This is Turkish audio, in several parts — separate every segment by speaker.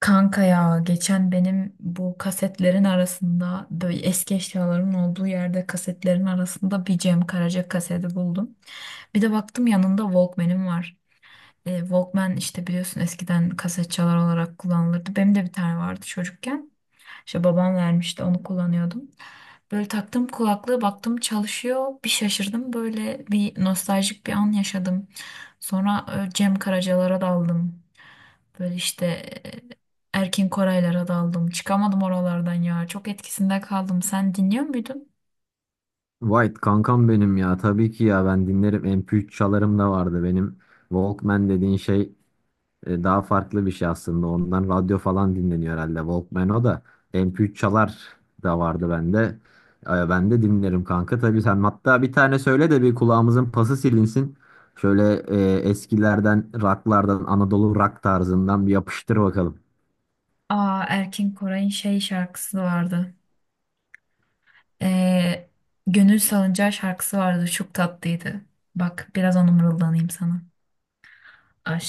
Speaker 1: Kanka ya geçen benim bu kasetlerin arasında böyle eski eşyaların olduğu yerde kasetlerin arasında bir Cem Karaca kaseti buldum. Bir de baktım yanında Walkman'im var. Walkman işte biliyorsun eskiden kaset çalar olarak kullanılırdı. Benim de bir tane vardı çocukken. İşte babam vermişti onu kullanıyordum. Böyle taktım kulaklığı baktım çalışıyor. Bir şaşırdım böyle bir nostaljik bir an yaşadım. Sonra Cem Karacalara daldım. Böyle işte e, Erkin Koraylara daldım. Çıkamadım oralardan ya. Çok etkisinde kaldım. Sen dinliyor muydun?
Speaker 2: White kankam benim ya, tabii ki ya, ben dinlerim, MP3 çalarım da vardı benim. Walkman dediğin şey daha farklı bir şey aslında. Ondan radyo falan dinleniyor herhalde Walkman, o da. MP3 çalar da vardı bende. Ben de dinlerim kanka tabii. Sen hatta bir tane söyle de bir kulağımızın pası silinsin şöyle, eskilerden, rocklardan, Anadolu rock tarzından bir yapıştır bakalım.
Speaker 1: Aa, Erkin Koray'ın şey şarkısı vardı. Ee, Gönül Salıncağı şarkısı vardı. Çok tatlıydı. Bak biraz onu mırıldanayım sana.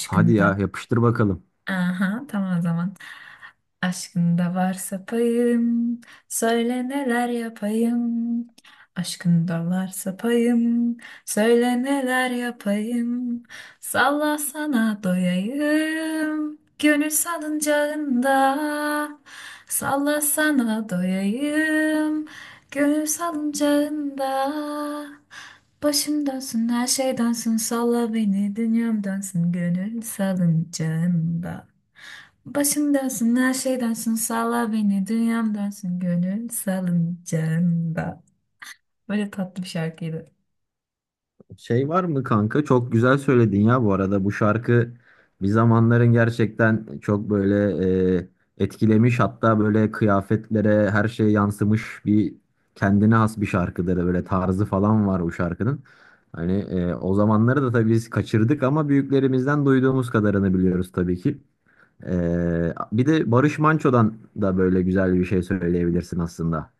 Speaker 2: Hadi ya, yapıştır bakalım.
Speaker 1: Aha, tamam o zaman. Aşkında varsa payım, söyle neler yapayım. Aşkında varsa payım, söyle neler yapayım. Salla sana doyayım, gönül salıncağında. Salla sana doyayım. Gönül salıncağında, başım dönsün her şey dönsün salla beni dünyam dönsün gönül salıncağında, başım dönsün her şey dönsün salla beni dünyam dönsün gönül salıncağında, böyle tatlı bir şarkıydı.
Speaker 2: Şey var mı kanka? Çok güzel söyledin ya bu arada. Bu şarkı bir zamanların gerçekten çok böyle etkilemiş. Hatta böyle kıyafetlere, her şeye yansımış, bir kendine has bir şarkıdır. Böyle tarzı falan var bu şarkının. Hani o zamanları da tabii biz kaçırdık ama büyüklerimizden duyduğumuz kadarını biliyoruz tabii ki. Bir de Barış Manço'dan da böyle güzel bir şey söyleyebilirsin aslında.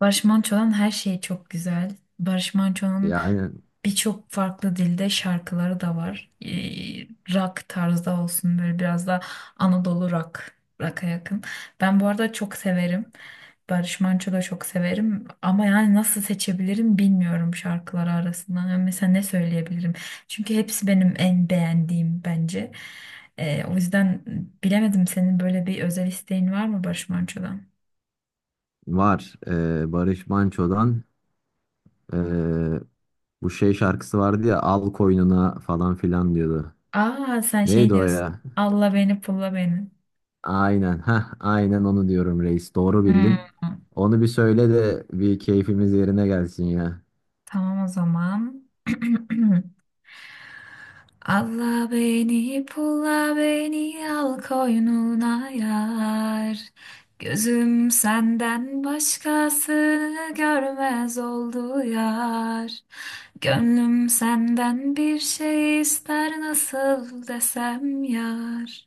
Speaker 1: Barış Manço'nun her şeyi çok güzel. Barış Manço'nun
Speaker 2: Yani
Speaker 1: birçok farklı dilde şarkıları da var. Rock tarzda olsun böyle biraz da Anadolu rock, rock'a yakın. Ben bu arada çok severim. Barış Manço da çok severim ama yani nasıl seçebilirim bilmiyorum şarkıları arasından. Yani mesela ne söyleyebilirim? Çünkü hepsi benim en beğendiğim bence. O yüzden bilemedim, senin böyle bir özel isteğin var mı Barış Manço'dan?
Speaker 2: var. Barış Manço'dan. Ee, Bu şey şarkısı vardı ya, al koynuna falan filan diyordu.
Speaker 1: Aa, sen şey
Speaker 2: Neydi o
Speaker 1: diyorsun.
Speaker 2: ya?
Speaker 1: Alla beni pulla beni.
Speaker 2: Aynen, ha aynen onu diyorum reis. Doğru
Speaker 1: Hmm.
Speaker 2: bildin. Onu bir söyle de bir keyfimiz yerine gelsin ya.
Speaker 1: Tamam o zaman. Alla beni pulla beni al koynuna yar. Gözüm senden başkasını görmez oldu yar. Gönlüm senden bir şey ister nasıl desem yar.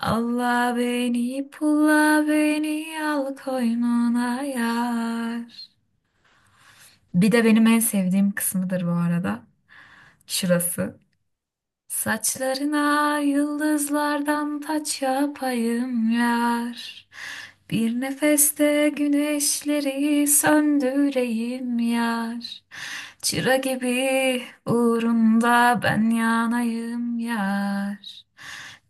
Speaker 1: Alla beni pulla beni al koynuna yar. Bir de benim en sevdiğim kısmıdır bu arada, şurası. Saçlarına yıldızlardan taç yapayım yar. Bir nefeste güneşleri söndüreyim yar. Çıra gibi uğrunda ben yanayım yar.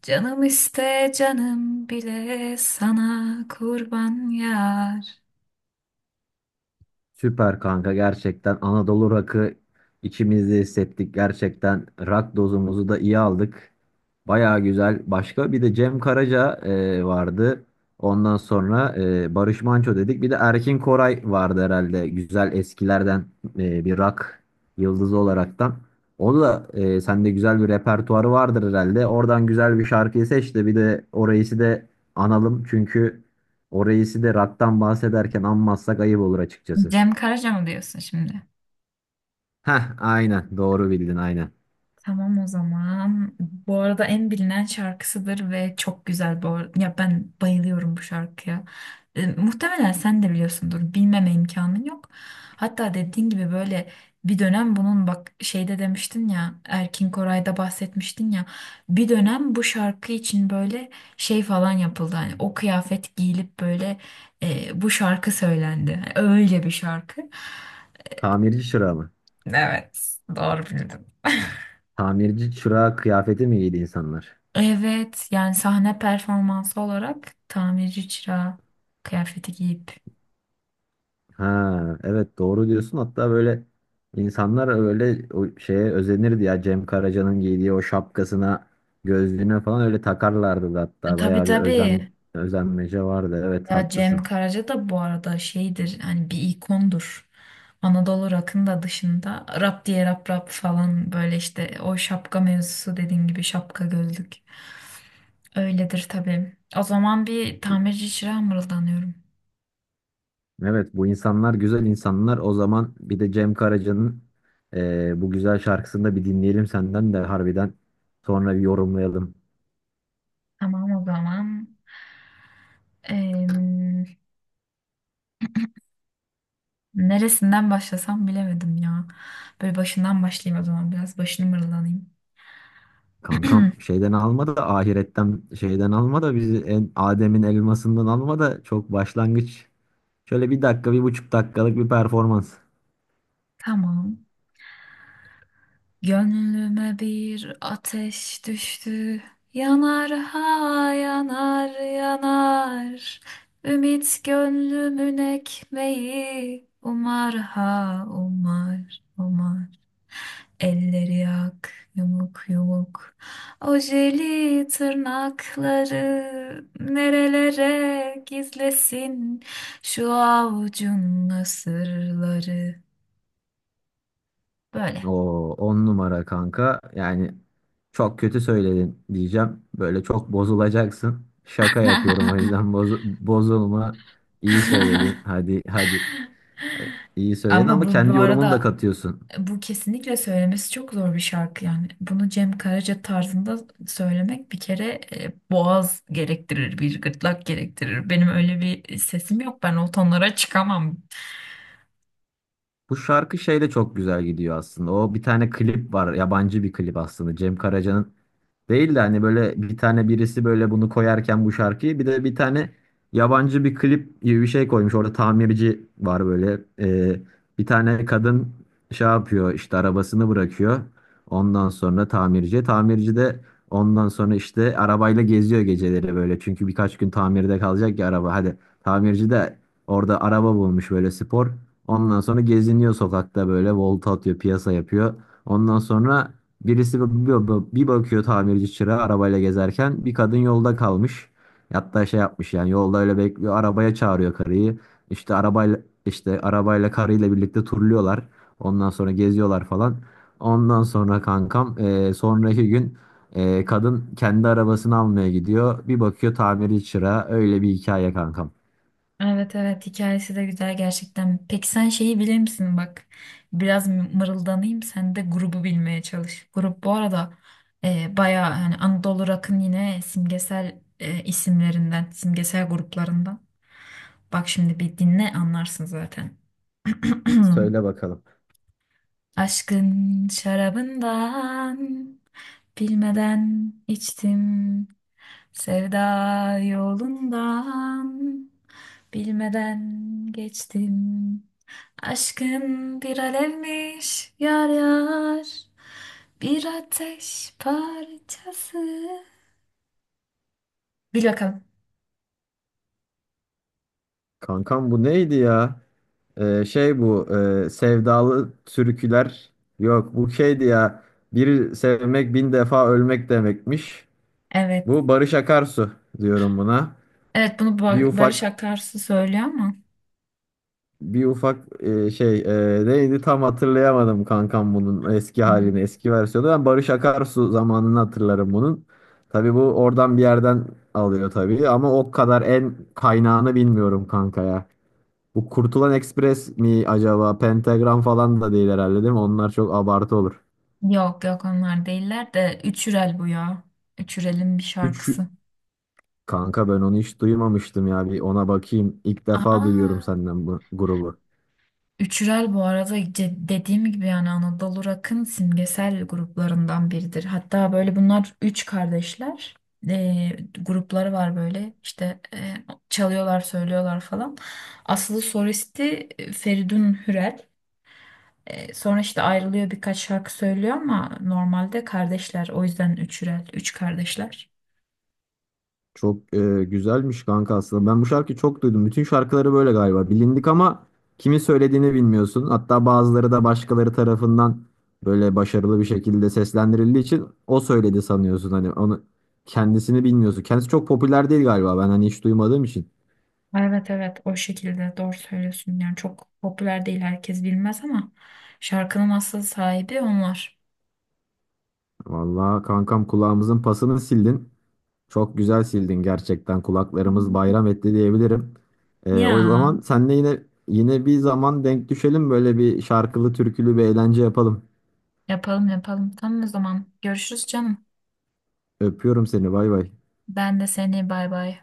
Speaker 1: Canım iste canım bile sana kurban yar.
Speaker 2: Süper kanka, gerçekten Anadolu rakı içimizde hissettik. Gerçekten rak dozumuzu da iyi aldık. Baya güzel. Başka bir de Cem Karaca vardı. Ondan sonra Barış Manço dedik. Bir de Erkin Koray vardı herhalde, güzel eskilerden bir rak yıldızı olaraktan. O da sende güzel bir repertuarı vardır herhalde. Oradan güzel bir şarkıyı seç de bir de orayısı da analım. Çünkü orayısı da raktan bahsederken anmazsak ayıp olur açıkçası.
Speaker 1: Cem Karaca mı diyorsun şimdi?
Speaker 2: Heh, aynen. Doğru bildin, aynen.
Speaker 1: Tamam o zaman. Bu arada en bilinen şarkısıdır ve çok güzel bu ar- ya ben bayılıyorum bu şarkıya. Muhtemelen sen de biliyorsundur. Bilmeme imkanın yok. Hatta dediğin gibi böyle bir dönem bunun bak şeyde demiştin ya, Erkin Koray'da bahsetmiştin ya, bir dönem bu şarkı için böyle şey falan yapıldı. Hani o kıyafet giyilip böyle, bu şarkı söylendi. Hani öyle bir şarkı.
Speaker 2: Tamirci çırağı mı?
Speaker 1: Evet, doğru bildin.
Speaker 2: Tamirci çırağı kıyafeti mi giydi insanlar?
Speaker 1: Evet yani sahne performansı olarak tamirci çırağı kıyafeti giyip.
Speaker 2: Ha, evet doğru diyorsun. Hatta böyle insanlar öyle o şeye özenirdi ya. Cem Karaca'nın giydiği o şapkasına, gözlüğüne falan öyle takarlardı da hatta.
Speaker 1: Tabii
Speaker 2: Bayağı bir
Speaker 1: tabii.
Speaker 2: özen özenmece vardı. Evet,
Speaker 1: Ya Cem
Speaker 2: haklısın.
Speaker 1: Karaca da bu arada şeydir, hani bir ikondur. Anadolu rock'ın da dışında rap diye rap falan böyle işte o şapka mevzusu dediğin gibi, şapka gözlük. Öyledir tabii. O zaman bir tamirci çırağı mırıldanıyorum.
Speaker 2: Evet, bu insanlar güzel insanlar. O zaman bir de Cem Karaca'nın bu güzel şarkısını da bir dinleyelim senden de, harbiden sonra bir yorumlayalım.
Speaker 1: Tamam o zaman. Neresinden başlasam bilemedim ya. Böyle başından başlayayım o zaman, biraz başını mırıldanayım.
Speaker 2: Kankam şeyden alma da, ahiretten şeyden alma da bizi, en Adem'in elmasından alma da, çok başlangıç. Şöyle bir dakika, bir buçuk dakikalık bir performans.
Speaker 1: Tamam. Gönlüme bir ateş düştü. Yanar ha yanar yanar. Ümit gönlümün ekmeği. Umar ha umar umar. Elleri yak, yumuk yumuk. Ojeli tırnakları nerelere gizlesin, şu avucun sırları.
Speaker 2: O
Speaker 1: Böyle.
Speaker 2: on numara kanka yani, çok kötü söyledin diyeceğim. Böyle çok bozulacaksın. Şaka yapıyorum, o yüzden bozulma. İyi söyledin. Hadi hadi. İyi söyledin
Speaker 1: Ama
Speaker 2: ama
Speaker 1: bu
Speaker 2: kendi yorumunu da
Speaker 1: arada
Speaker 2: katıyorsun.
Speaker 1: bu kesinlikle söylemesi çok zor bir şarkı yani. Bunu Cem Karaca tarzında söylemek bir kere boğaz gerektirir, bir gırtlak gerektirir. Benim öyle bir sesim yok. Ben o tonlara çıkamam.
Speaker 2: Bu şarkı şeyde çok güzel gidiyor aslında. O bir tane klip var. Yabancı bir klip aslında. Cem Karaca'nın değil de, hani böyle bir tane birisi böyle bunu koyarken, bu şarkıyı bir de bir tane yabancı bir klip gibi bir şey koymuş. Orada tamirci var böyle. Bir tane kadın şey yapıyor, işte arabasını bırakıyor. Ondan sonra tamirci. Tamirci de ondan sonra işte arabayla geziyor geceleri böyle. Çünkü birkaç gün tamirde kalacak ya araba. Hadi, tamirci de orada araba bulmuş böyle, spor. Ondan sonra geziniyor sokakta böyle, volta atıyor, piyasa yapıyor. Ondan sonra birisi bir, bakıyor tamirci çırağı arabayla gezerken bir kadın yolda kalmış. Hatta şey yapmış, yani yolda öyle bekliyor, arabaya çağırıyor karıyı. İşte arabayla işte arabayla karıyla birlikte turluyorlar. Ondan sonra geziyorlar falan. Ondan sonra kankam sonraki gün kadın kendi arabasını almaya gidiyor. Bir bakıyor, tamirci çırağı. Öyle bir hikaye kankam.
Speaker 1: Evet evet, hikayesi de güzel gerçekten. Peki sen şeyi bilir misin bak? Biraz mı- mırıldanayım sen de grubu bilmeye çalış. Grup bu arada bayağı hani Anadolu Rock'ın yine simgesel isimlerinden, simgesel gruplarından. Bak şimdi bir dinle anlarsın zaten.
Speaker 2: Söyle bakalım.
Speaker 1: Aşkın şarabından bilmeden içtim. Sevda yolundan bilmeden geçtim. Aşkın bir alevmiş yar yar. Bir ateş parçası. Bil bakalım.
Speaker 2: Kankam bu neydi ya? Şey bu sevdalı türküler, yok bu şeydi ya, bir sevmek bin defa ölmek demekmiş.
Speaker 1: Evet.
Speaker 2: Bu Barış Akarsu diyorum buna.
Speaker 1: Evet bunu
Speaker 2: Bir
Speaker 1: Ba- Barış
Speaker 2: ufak
Speaker 1: Akarsu söylüyor ama.
Speaker 2: bir ufak şey neydi, tam hatırlayamadım kankam bunun eski
Speaker 1: Hı.
Speaker 2: halini, eski versiyonu. Ben Barış Akarsu zamanını hatırlarım bunun. Tabii bu oradan bir yerden alıyor tabii ama o kadar en kaynağını bilmiyorum kanka ya. Bu Kurtulan Express mi acaba? Pentagram falan da değil herhalde, değil mi? Onlar çok abartı olur.
Speaker 1: Yok yok, onlar değiller de Üçürel bu ya. Üçürel'in bir
Speaker 2: Üç,
Speaker 1: şarkısı.
Speaker 2: kanka ben onu hiç duymamıştım ya. Bir ona bakayım. İlk defa duyuyorum
Speaker 1: Aa,
Speaker 2: senden bu grubu.
Speaker 1: Üçürel bu arada ce- dediğim gibi yani Anadolu Rock'ın simgesel gruplarından biridir. Hatta böyle bunlar üç kardeşler. Grupları var böyle işte, çalıyorlar söylüyorlar falan. Asıl solisti Feridun Hürel. Sonra işte ayrılıyor birkaç şarkı söylüyor ama normalde kardeşler. O yüzden üçürel, üç kardeşler.
Speaker 2: Çok güzelmiş kanka aslında. Ben bu şarkıyı çok duydum. Bütün şarkıları böyle galiba, bilindik ama kimin söylediğini bilmiyorsun. Hatta bazıları da başkaları tarafından böyle başarılı bir şekilde seslendirildiği için o söyledi sanıyorsun. Hani onu, kendisini bilmiyorsun. Kendisi çok popüler değil galiba. Ben hani hiç duymadığım için.
Speaker 1: Evet evet, o şekilde doğru söylüyorsun. Yani çok popüler değil herkes bilmez ama şarkının asıl sahibi onlar.
Speaker 2: Vallahi kankam, kulağımızın pasını sildin. Çok güzel sildin gerçekten.
Speaker 1: Hı
Speaker 2: Kulaklarımız
Speaker 1: hı.
Speaker 2: bayram etti diyebilirim. O zaman
Speaker 1: Ya
Speaker 2: senle yine bir zaman denk düşelim, böyle bir şarkılı türkülü bir eğlence yapalım.
Speaker 1: yapalım yapalım. Tamam o zaman, görüşürüz canım.
Speaker 2: Öpüyorum seni. Bay bay.
Speaker 1: Ben de seni, bay bay.